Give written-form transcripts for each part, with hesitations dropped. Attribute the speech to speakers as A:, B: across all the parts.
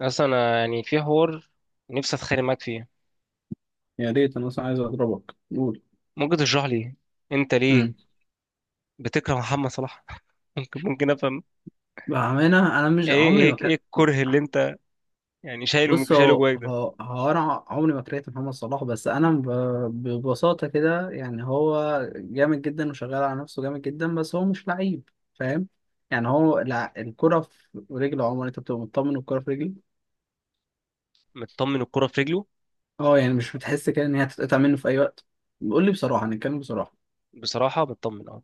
A: اصلا انا في حوار نفسي اتخانق معاك فيه.
B: يا ريت انا اصلا عايز اضربك قول.
A: ممكن تشرح لي انت ليه
B: امم
A: بتكره محمد صلاح؟ ممكن افهم
B: بأمانة أنا مش
A: ايه
B: عمري
A: ايه
B: ما كان.
A: ايه الكره اللي انت يعني شايله
B: بص
A: شايله
B: هو
A: جواك ده؟
B: هو هو أنا عمري ما كرهت محمد صلاح، بس ببساطة كده يعني هو جامد جدا وشغال على نفسه جامد جدا، بس هو مش لعيب، فاهم؟ يعني الكرة في رجله، عمر، أنت بتبقى مطمن والكرة في رجله.
A: مطمن الكره في رجله.
B: أه يعني مش بتحس كده إن هي هتتقطع منه في أي وقت. قول لي بصراحة، نتكلم بصراحة.
A: بصراحه مطمن اه.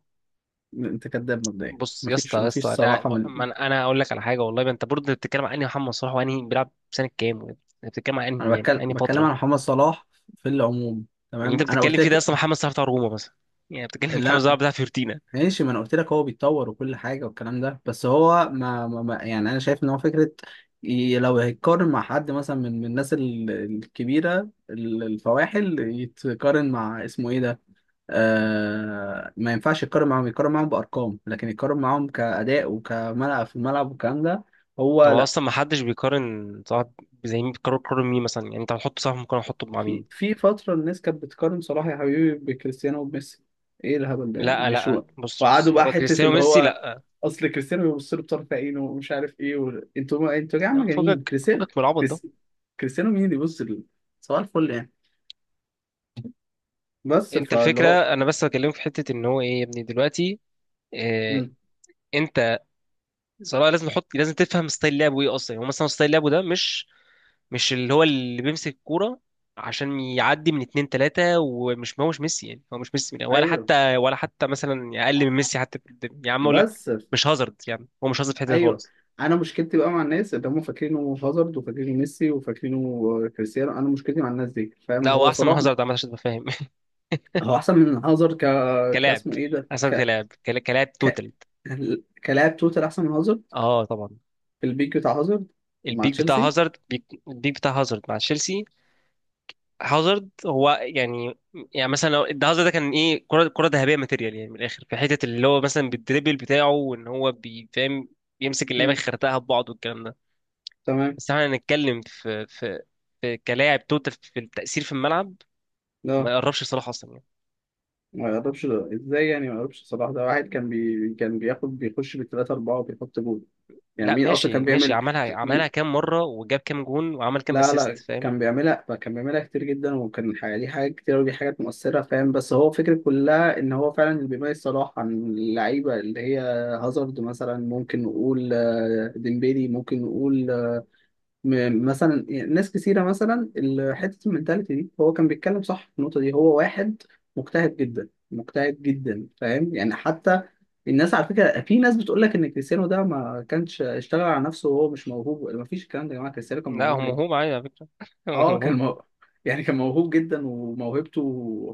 B: أنت كذاب مبدئيا،
A: بص يا اسطى
B: مفيش
A: يا اسطى
B: مفيش
A: انا
B: صراحة
A: ما
B: من.
A: انا أنا هقول لك على حاجه، والله ما انت برضه بتتكلم عن انهي محمد صلاح وانهي بيلعب سنه كام، وانت بتتكلم عن انهي
B: أنا بتكلم
A: انهي
B: بتكلم
A: فتره
B: عن محمد صلاح في العموم،
A: اللي انت
B: تمام؟ أنا
A: بتتكلم
B: قلت
A: فيه ده،
B: لك
A: اصلا محمد صلاح بتاع روما مثلا؟ يعني بتتكلم محمد
B: لا.
A: صلاح بتاع فيورتينا؟
B: ماشي، ما انا قلت لك هو بيتطور وكل حاجه والكلام ده، بس هو يعني انا شايف ان هو فكره. لو هيتقارن مع حد مثلا من الناس الكبيره الفواحل، يتقارن مع اسمه ايه ده، آه، ما ينفعش يتقارن معاهم، يتقارن معاهم بارقام، لكن يتقارن معاهم كاداء وكملعب في الملعب والكلام ده. هو
A: هو
B: لا.
A: اصلا ما حدش بيقارن صاحب، زي مين؟ بيقارن مين مثلا؟ يعني انت هتحط صاحب، ممكن احطه مع مين؟
B: في في فترة الناس كانت بتقارن صلاح يا حبيبي بكريستيانو وبميسي. ايه الهبل ده يعني؟
A: لا
B: معلش
A: لا بص
B: وقعدوا
A: بص
B: بقى
A: هو
B: حتة
A: كريستيانو
B: اللي
A: ميسي
B: هو،
A: لا.
B: اصل كريستيانو بيبص له بطرف عينه ومش عارف ايه انتوا يا جماعة مجانين
A: فكك
B: كريستيانو.
A: فكك من العبط ده.
B: كريس... كريستيانو مين اللي صباح الفل يعني، بس
A: انت
B: فاللي
A: الفكره،
B: هو
A: انا بس بكلمك في حته ان هو ايه يا ابني دلوقتي. إيه
B: مم.
A: انت؟ صراحه لازم تحط، لازم تفهم ستايل لعبه ايه اصلا. هو مثلا ستايل لعبه ده مش اللي هو اللي بيمسك الكوره عشان يعدي من اتنين تلاتة، ومش هو مش ميسي. هو مش ميسي ولا
B: ايوه،
A: حتى ولا حتى مثلا أقل من ميسي حتى في الدنيا. يا عم أقول لك،
B: بس ف-
A: مش هازارد. هو مش هازارد في حتة
B: ايوه
A: خالص.
B: انا مشكلتي بقى مع الناس اللي هم فاكرينه هازارد وفاكرينه ميسي وفاكرينه كريستيانو، انا مشكلتي مع الناس دي،
A: لا
B: فاهم؟
A: هو
B: هو
A: احسن من
B: صلاح
A: هازارد عامه عشان تبقى فاهم.
B: هو احسن من هازارد
A: كلاعب،
B: كاسمه ايه ده،
A: احسن
B: ك...
A: كلاعب كلاعب
B: ك...
A: توتال.
B: كلاعب توتال احسن من هازارد
A: اه طبعا.
B: في البيك بتاع هازارد مع
A: البيك بتاع
B: تشيلسي.
A: هازارد، البيك بتاع هازارد مع تشيلسي. هازارد هو مثلا، لو ده هازارد ده كان ايه، كره ذهبيه ماتيريال. من الاخر في حته اللي هو مثلا بالدريبل بتاعه، وان هو بيفهم يمسك اللعيبه
B: مم.
A: يخرتها ببعض والكلام ده.
B: تمام.
A: بس احنا هنتكلم في كلاعب توتال، في التأثير في الملعب. ما
B: لا،
A: يقربش صلاح اصلا يعني.
B: ما يقربش ده ازاي يعني ما يقربش صلاح؟ ده واحد كان بياخد بيخش بالثلاثة أربعة وبيحط جول. يعني
A: لا
B: مين أصلا
A: ماشي
B: كان
A: ماشي
B: بيعمل؟
A: عملها
B: مين؟
A: كام مره، وجاب كام جون، وعمل كام
B: لا
A: اسيست؟
B: لا كان بيعملها، كان بيعملها كتير جدا، وكان الحقيقة ليه حاجات كتير ودي حاجات مؤثرة، فاهم؟ بس هو الفكرة كلها إن هو فعلا اللي بيميز صلاح عن اللعيبة اللي هي هازارد مثلا، ممكن نقول آه، ديمبيلي ممكن نقول آه، مثلا ناس كثيرة مثلا حتة المنتاليتي دي، هو كان بيتكلم صح في النقطة دي. هو واحد مجتهد جدا مجتهد جدا، فاهم يعني؟ حتى الناس على فكرة، في ناس بتقول لك إن كريستيانو ده ما كانش اشتغل على نفسه وهو مش موهوب. ما فيش الكلام ده يا جماعة، كريستيانو كان
A: لا هو
B: موهوب جدا.
A: موهوب عادي على فكرة. هو
B: اه كان
A: موهوب.
B: موهوب، يعني كان موهوب جدا وموهبته،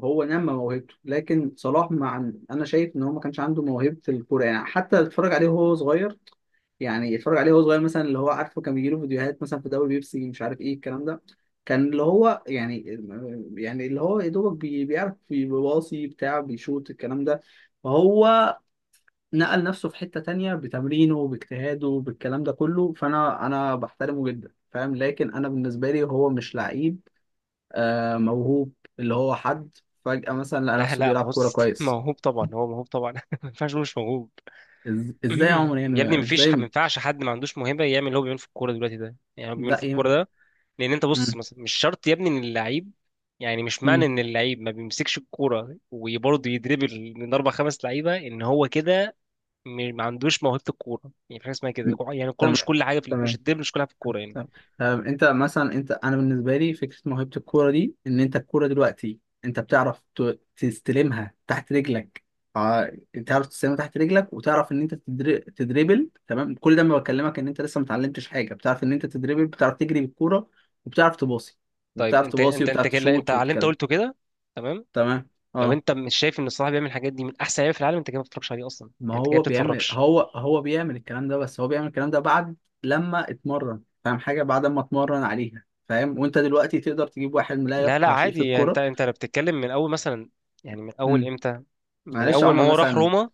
B: هو نمى موهبته. لكن صلاح، مع انا شايف ان هو ما كانش عنده موهبة الكورة. يعني حتى اتفرج عليه وهو صغير، يعني يتفرج عليه وهو صغير مثلا، اللي هو عارفه كان بيجيله فيديوهات مثلا في دوري بيبسي مش عارف ايه الكلام ده، كان اللي هو يعني، يعني اللي هو يا دوبك بيعرف بيباصي بتاع بيشوط الكلام ده، فهو نقل نفسه في حتة تانية بتمرينه باجتهاده بالكلام ده كله. فانا بحترمه جدا، فاهم؟ لكن انا بالنسبة لي هو مش لعيب، آه، موهوب، اللي هو حد فجأة مثلا لقى
A: لا
B: نفسه
A: لا
B: بيلعب كورة
A: بص
B: كويس.
A: موهوب طبعا، هو موهوب طبعا. ما ينفعش نقول مش موهوب.
B: ازاي يا عمر
A: يا ابني
B: يعني
A: مفيش
B: ازاي؟
A: ما ينفعش حد ما عندوش موهبة يعمل اللي هو بيعمله في الكورة دلوقتي ده. يعني هو بيعمله
B: لا
A: في
B: يم...
A: الكورة ده لأن أنت بص
B: مم.
A: مثلا مش شرط يا ابني إن اللعيب، يعني مش معنى
B: مم.
A: إن اللعيب ما بيمسكش الكورة وبرضه يدربل من أربع خمس لعيبة إن هو كده ما عندوش موهبة الكورة. يعني في حاجة اسمها كده؟ يعني الكورة
B: تمام
A: مش كل حاجة في مش
B: تمام.
A: الدربل مش كل حاجة في الكورة يعني.
B: طب، طب انت مثلا، انا بالنسبه لي فكره موهبه الكوره دي ان انت الكوره دلوقتي انت بتعرف تستلمها تحت رجلك. اه، تعرف تستلمها تحت رجلك وتعرف ان انت تدريبل، تمام؟ كل ده ما بكلمك ان انت لسه ما اتعلمتش حاجه، بتعرف ان انت تدريبل، بتعرف تجري بالكوره، وبتعرف تباصي،
A: طيب
B: وبتعرف
A: أنت
B: تباصي،
A: أنت أنت
B: وبتعرف
A: كده، أنت
B: تشوت
A: على اللي أنت
B: وبتكلم،
A: قلته كده تمام.
B: تمام؟
A: لو
B: اه.
A: انت مش شايف ان الصراحه بيعمل الحاجات دي من احسن لعيبه في العالم، انت كده ما بتتفرجش عليه اصلا.
B: ما
A: يعني انت كده
B: هو بيعمل،
A: بتتفرجش.
B: هو بيعمل الكلام ده، بس هو بيعمل الكلام ده بعد لما اتمرن، فاهم حاجة؟ بعد ما اتمرن عليها، فاهم؟ وانت دلوقتي تقدر تجيب واحد لا
A: لا
B: يفقه شيء في
A: عادي. يعني انت
B: الكورة.
A: انت لو بتتكلم من اول مثلا، يعني من اول
B: امم
A: امتى؟ من
B: معلش يا
A: اول ما
B: عمر
A: هو راح
B: مثلا،
A: روما؟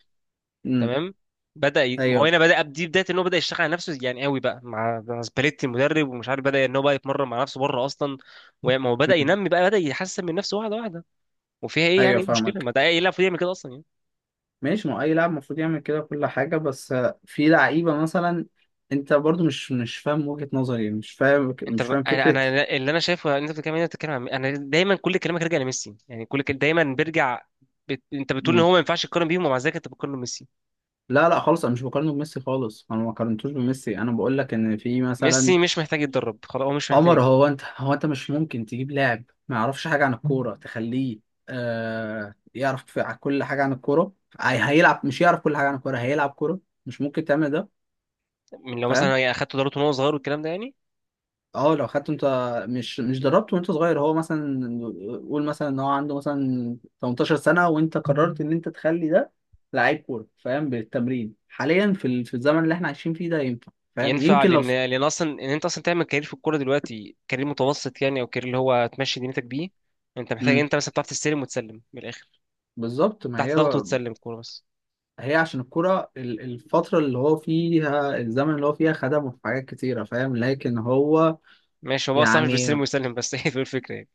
B: امم
A: تمام. ما هو
B: ايوه،
A: هنا بدا، دي بدايه ان هو بدا يشتغل على نفسه يعني قوي بقى مع سباليتي المدرب، ومش عارف بدا ان هو بقى يتمرن مع نفسه بره اصلا. وما هو بدا
B: امم
A: ينمي بقى، بدا يحسن من نفسه واحده واحده. وفيها ايه يعني،
B: ايوه
A: ايه المشكله؟
B: فاهمك.
A: ما ده ايه، لاعب يعمل كده اصلا يعني.
B: ماشي ما هو اي لاعب المفروض يعمل كده كل حاجة، بس آه، في لعيبة مثلا انت برضو مش فاهم وجهة نظري، مش فاهم
A: انت
B: مش
A: ب...
B: فاهم
A: انا
B: فكرة.
A: انا اللي انا شايفه ان انت بتتكلم، انت بتتكلم عن، انا دايما كل كلامك راجع لميسي. دايما بيرجع انت بتقول ان
B: امم
A: هو ما ينفعش يتقارن بيهم، ومع ذلك انت بتقارن ميسي.
B: لا لا خالص، انا مش بقارنه بميسي خالص، انا ما قارنتوش بميسي، انا بقول لك ان في مثلا.
A: ميسي مش محتاج يتدرب خلاص، هو مش محتاج.
B: عمر، هو انت مش ممكن تجيب لاعب ما يعرفش حاجه عن الكوره تخليه آه يعرف كل حاجه عن الكوره، هيلعب، مش يعرف كل حاجه عن الكوره هيلعب كوره. مش ممكن تعمل ده،
A: من لو مثلا
B: فاهم؟
A: اخدت دورته وهو صغير والكلام ده يعني
B: اه، لو خدته انت، مش دربته وانت صغير، هو مثلا، قول مثلا ان هو عنده مثلا 18 سنه وانت قررت ان انت تخلي ده لعيب كوره، فاهم؟ بالتمرين حاليا في في الزمن اللي احنا عايشين فيه ده ينفع، فاهم؟
A: ينفع،
B: يمكن لو
A: لان اصلا ان انت اصلا تعمل كارير في الكوره دلوقتي، كارير متوسط يعني، او كارير اللي هو تمشي دنيتك بيه، انت محتاج
B: امم
A: انت مثلا بتعرف تستلم وتسلم من الاخر
B: بالظبط. ما
A: تحت
B: هي،
A: ضغط، وتسلم الكوره بس.
B: هي عشان الكرة الفترة اللي هو فيها، الزمن اللي هو فيها خدمه في حاجات كتيرة، فاهم؟ لكن هو
A: ماشي، هو بقى صح مش بيستلم
B: يعني.
A: ويسلم بس. هي دي الفكره يعني.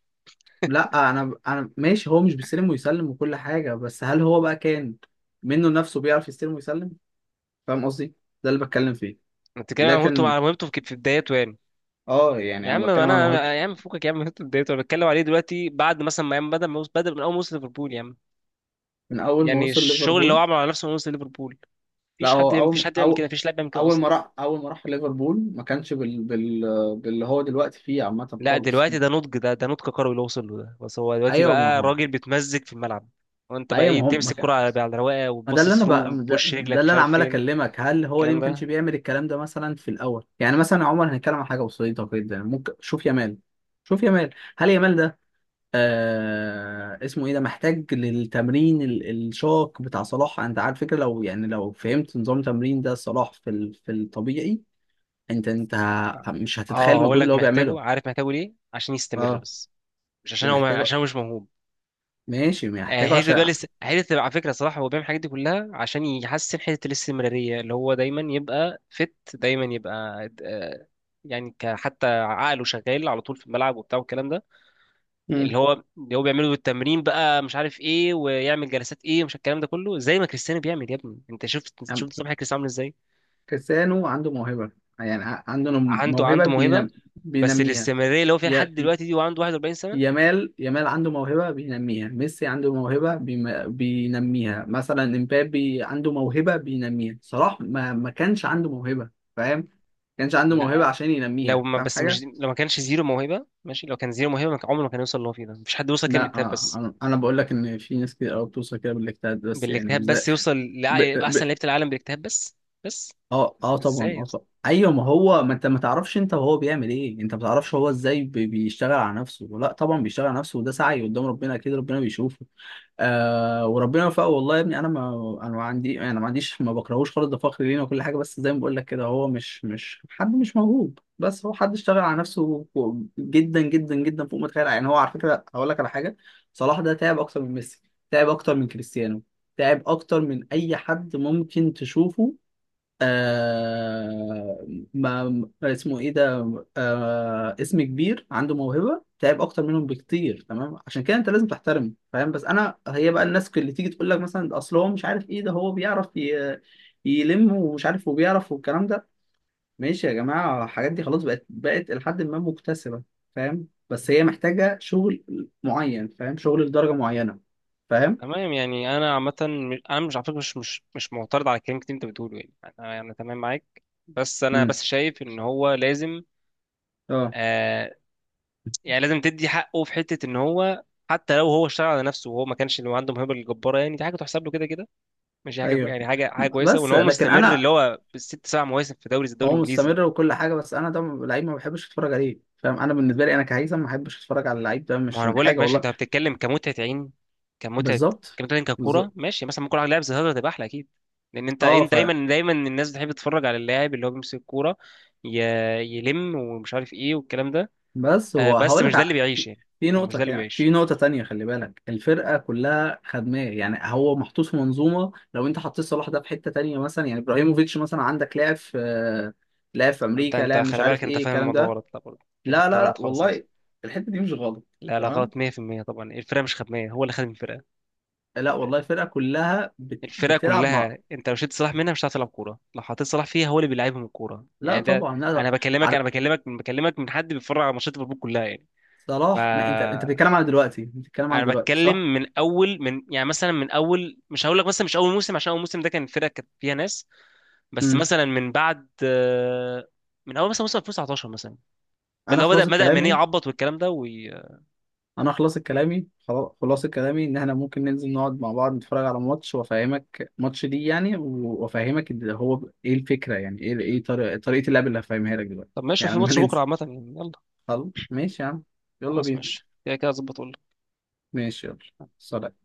B: لا، أنا ماشي هو مش بيستلم ويسلم وكل حاجة، بس هل هو بقى كان منه نفسه بيعرف يستلم ويسلم؟ فاهم قصدي؟ ده اللي بتكلم فيه.
A: انت بتتكلم عن مهمته،
B: لكن
A: على مهمته في في بدايته يعني.
B: اه، يعني
A: يا عم
B: أنا
A: ما
B: بتكلم عن موهبته
A: انا يا عم فوقك يا عم، انت اتضايقت. انا بتكلم عليه دلوقتي بعد مثلا ما ياما بدأ ما يوصل- بدأ من اول ما وصل ليفربول يا عم.
B: من أول ما
A: يعني
B: وصل
A: الشغل اللي هو
B: ليفربول.
A: عمله على نفسه من وصل ليفربول.
B: لا،
A: مفيش
B: هو
A: حد مفيش
B: أول
A: حد يعمل كده،
B: أو،
A: مفيش لاعب بيعمل كده
B: أول ما
A: اصلا.
B: راح، أول ما راح ليفربول ما كانش باللي هو دلوقتي فيه عامة
A: لا
B: خالص.
A: دلوقتي ده نضج، ده نضج كروي اللي وصل له ده. بس هو دلوقتي
B: أيوه ما
A: بقى
B: هو،
A: راجل بيتمزج في الملعب. وانت بقى
B: ايوه. ما
A: ايه،
B: هم،
A: تمسك كرة على رواقه
B: ما ده
A: وتباصي
B: اللي انا بقى
A: ثرو بوش
B: ده
A: رجلك مش
B: اللي انا
A: عارف
B: عمال
A: فين.
B: اكلمك. هل هو ليه
A: الكلام
B: ما كانش
A: ده
B: بيعمل الكلام ده مثلا في الاول؟ يعني مثلا يا عمر، هنتكلم عن حاجه بسيطه جدا. ممكن شوف يامال، شوف يامال، هل يامال ده آه اسمه ايه ده محتاج للتمرين الشاق بتاع صلاح؟ انت عارف فكره، لو يعني لو فهمت نظام تمرين ده صلاح في الطبيعي، انت مش هتتخيل
A: اه هقول
B: المجهود
A: لك
B: اللي هو
A: محتاجه،
B: بيعمله.
A: عارف محتاجه ليه؟ عشان يستمر
B: اه
A: بس. مش
B: دي
A: عشان هو،
B: محتاجه.
A: عشان هو مش موهوب.
B: ماشي،
A: آه،
B: محتاجه
A: هيدي بقى
B: عشان
A: لسه هيدي. على فكره صراحه هو بيعمل الحاجات دي كلها عشان يحسن حته الاستمراريه اللي هو دايما يبقى فت دايما يبقى آه، يعني حتى عقله شغال على طول في الملعب وبتاع والكلام ده. اللي هو بيعمله بالتمرين بقى، مش عارف ايه ويعمل جلسات ايه، ومش الكلام ده كله زي ما كريستيانو بيعمل. يا ابني انت شفت
B: مم.
A: شفت صباح كريستيانو عامل ازاي؟
B: كريستيانو عنده موهبة، يعني عنده
A: عنده عنده موهبه، بس
B: بينميها.
A: الاستمراريه اللي هو فيها
B: ي...
A: لحد
B: ي-
A: دلوقتي دي وعنده 41 سنه.
B: يامال، يامال عنده موهبة بينميها، ميسي عنده موهبة بينميها، مثلا امبابي عنده موهبة بينميها. صلاح ما كانش عنده موهبة، فاهم؟ ما كانش عنده
A: لا
B: موهبة عشان
A: لو
B: ينميها، فاهم حاجة؟
A: ما كانش زيرو موهبه ماشي، لو كان زيرو موهبه ما كان- عمره ما كان يوصل اللي هو فيه ده. مفيش حد يوصل كده
B: لا
A: بالاجتهاد
B: آه،
A: بس.
B: انا بقول لك ان في ناس كتير قوي بتوصل كده بالاجتهاد بس، يعني
A: بالاجتهاد
B: مش ده.
A: بس يوصل يبقى احسن لعيبه العالم بالاجتهاد بس بس؟
B: اه اه طبعا
A: ازاي يا
B: اه
A: اسطى؟
B: طبعا ايوه. ما هو ما انت ما تعرفش انت وهو بيعمل ايه، انت ما تعرفش هو ازاي بيشتغل على نفسه. لا طبعا بيشتغل على نفسه وده سعي قدام ربنا، اكيد ربنا بيشوفه، آه، وربنا وفقه. والله يا ابني انا ما عندي، ما عنديش ما بكرهوش خالص، ده فخر لينا وكل حاجه. بس زي ما بقول لك كده، هو مش حد مش موهوب، بس هو حد اشتغل على نفسه جدا جدا جدا فوق ما تتخيل. يعني هو على فكره، هقول لك على حاجه: صلاح ده تعب اكتر من ميسي، تعب اكتر من كريستيانو، تعب اكتر من اي حد ممكن تشوفه، آه، ما اسمه ايه ده، آه اسم كبير، عنده موهبة. تعب اكتر منهم بكتير، تمام؟ عشان كده انت لازم تحترمه، فاهم؟ بس انا هي بقى الناس اللي تيجي تقول لك مثلا ده اصل هو مش عارف ايه، ده هو بيعرف يلم ومش عارف وبيعرف والكلام ده، ماشي يا جماعة. الحاجات دي خلاص بقت لحد ما مكتسبة، فاهم؟ بس هي محتاجة شغل معين، فاهم؟ شغل لدرجة معينة، فاهم؟
A: تمام يعني انا عامه انا مش على فكره مش معترض على الكلام اللي انت بتقوله يعني. انا تمام معاك، بس انا
B: امم
A: بس شايف ان هو لازم
B: اه،
A: آه، يعني لازم تدي حقه في حته ان هو، حتى لو هو اشتغل على نفسه وهو ما كانش اللي هو عنده موهبه الجباره، يعني دي حاجه تحسب له كده كده. ماشي، حاجه
B: ايوه.
A: يعني حاجه حاجه كويسه. وان
B: بس
A: هو
B: لكن
A: مستمر
B: انا،
A: اللي هو بالست سبع مواسم في دوري زي الدوري
B: هو
A: الانجليزي.
B: مستمر وكل حاجه، بس انا ده لعيب ما بحبش اتفرج عليه، فاهم؟ انا بالنسبه لي انا كهيثم ما بحبش اتفرج على اللعيب ده، مش
A: ما هو انا
B: عشان
A: بقول لك
B: حاجه
A: ماشي،
B: والله.
A: انت بتتكلم كمتعه عين، كمتعه
B: بالظبط،
A: كمتعه عين، ككوره،
B: بالظبط.
A: ماشي. مثلا ممكن واحد لاعب زي هازارد تبقى احلى اكيد، لان انت
B: اه
A: انت
B: ف،
A: دايما الناس بتحب تتفرج على اللاعب اللي هو بيمسك الكوره ي... يلم، ومش عارف ايه والكلام ده.
B: بس
A: آه
B: هو
A: بس
B: هقول لك
A: مش ده اللي بيعيش
B: في،
A: يعني.
B: في
A: هو مش
B: نقطه
A: ده اللي
B: كده، في
A: بيعيش.
B: نقطه تانية، خلي بالك الفرقه كلها خدماه، يعني هو محطوط في منظومه. لو انت حطيت صلاح ده في حته تانية مثلا، يعني ابراهيموفيتش مثلا، عندك لاعب في، لاعب في
A: انت
B: امريكا،
A: انت
B: لاعب مش
A: خلي بالك
B: عارف
A: انت
B: ايه
A: فاهم
B: الكلام
A: الموضوع
B: ده.
A: غلط، لا برضه دي
B: لا
A: حته
B: لا لا
A: غلط خالص اصلا.
B: والله الحته دي مش غلط،
A: لا
B: تمام؟
A: غلط 100% طبعا، الفرقه مش خدميه، هو اللي خدم الفرقه.
B: لا والله الفرقه كلها
A: الفرقه
B: بتلعب مع،
A: كلها، انت لو شلت صلاح منها مش هتعرف تلعب كوره. لو حطيت صلاح فيها هو اللي بيلعبهم الكوره
B: لا
A: يعني ده.
B: طبعا، لا.
A: انا بكلمك انا
B: عارف
A: بكلمك من بكلمك من حد بيتفرج على ماتشات ليفربول كلها يعني. ف
B: صلاح؟ ما انت، انت بتتكلم على دلوقتي، انت بتتكلم على
A: انا
B: دلوقتي،
A: بتكلم
B: صح؟
A: من اول من، يعني مثلا من اول، مش هقول لك مثلا مش اول موسم، عشان اول موسم ده كان الفرقه كانت فيها ناس. بس
B: امم
A: مثلا من بعد آه، من اول مثلا موسم 2019 مثلا، اللي
B: انا
A: هو بدا
B: خلاص
A: بدا ماني
B: كلامي،
A: يعبط والكلام ده
B: انا خلاص كلامي، خلاص كلامي، ان احنا ممكن ننزل نقعد مع بعض نتفرج على ماتش وافهمك ماتش دي يعني، وافهمك هو ايه الفكره يعني، ايه ايه طريقه اللعب اللي هفهمها لك دلوقتي،
A: طب ماشي
B: يعني
A: في
B: لما
A: ماتش بكره
B: ننزل.
A: عامه يعني، يلا.
B: خلاص ماشي يا عم، يلا
A: خلاص
B: بينا.
A: ماشي، كده اظبط.
B: ماشي يلا، سلام.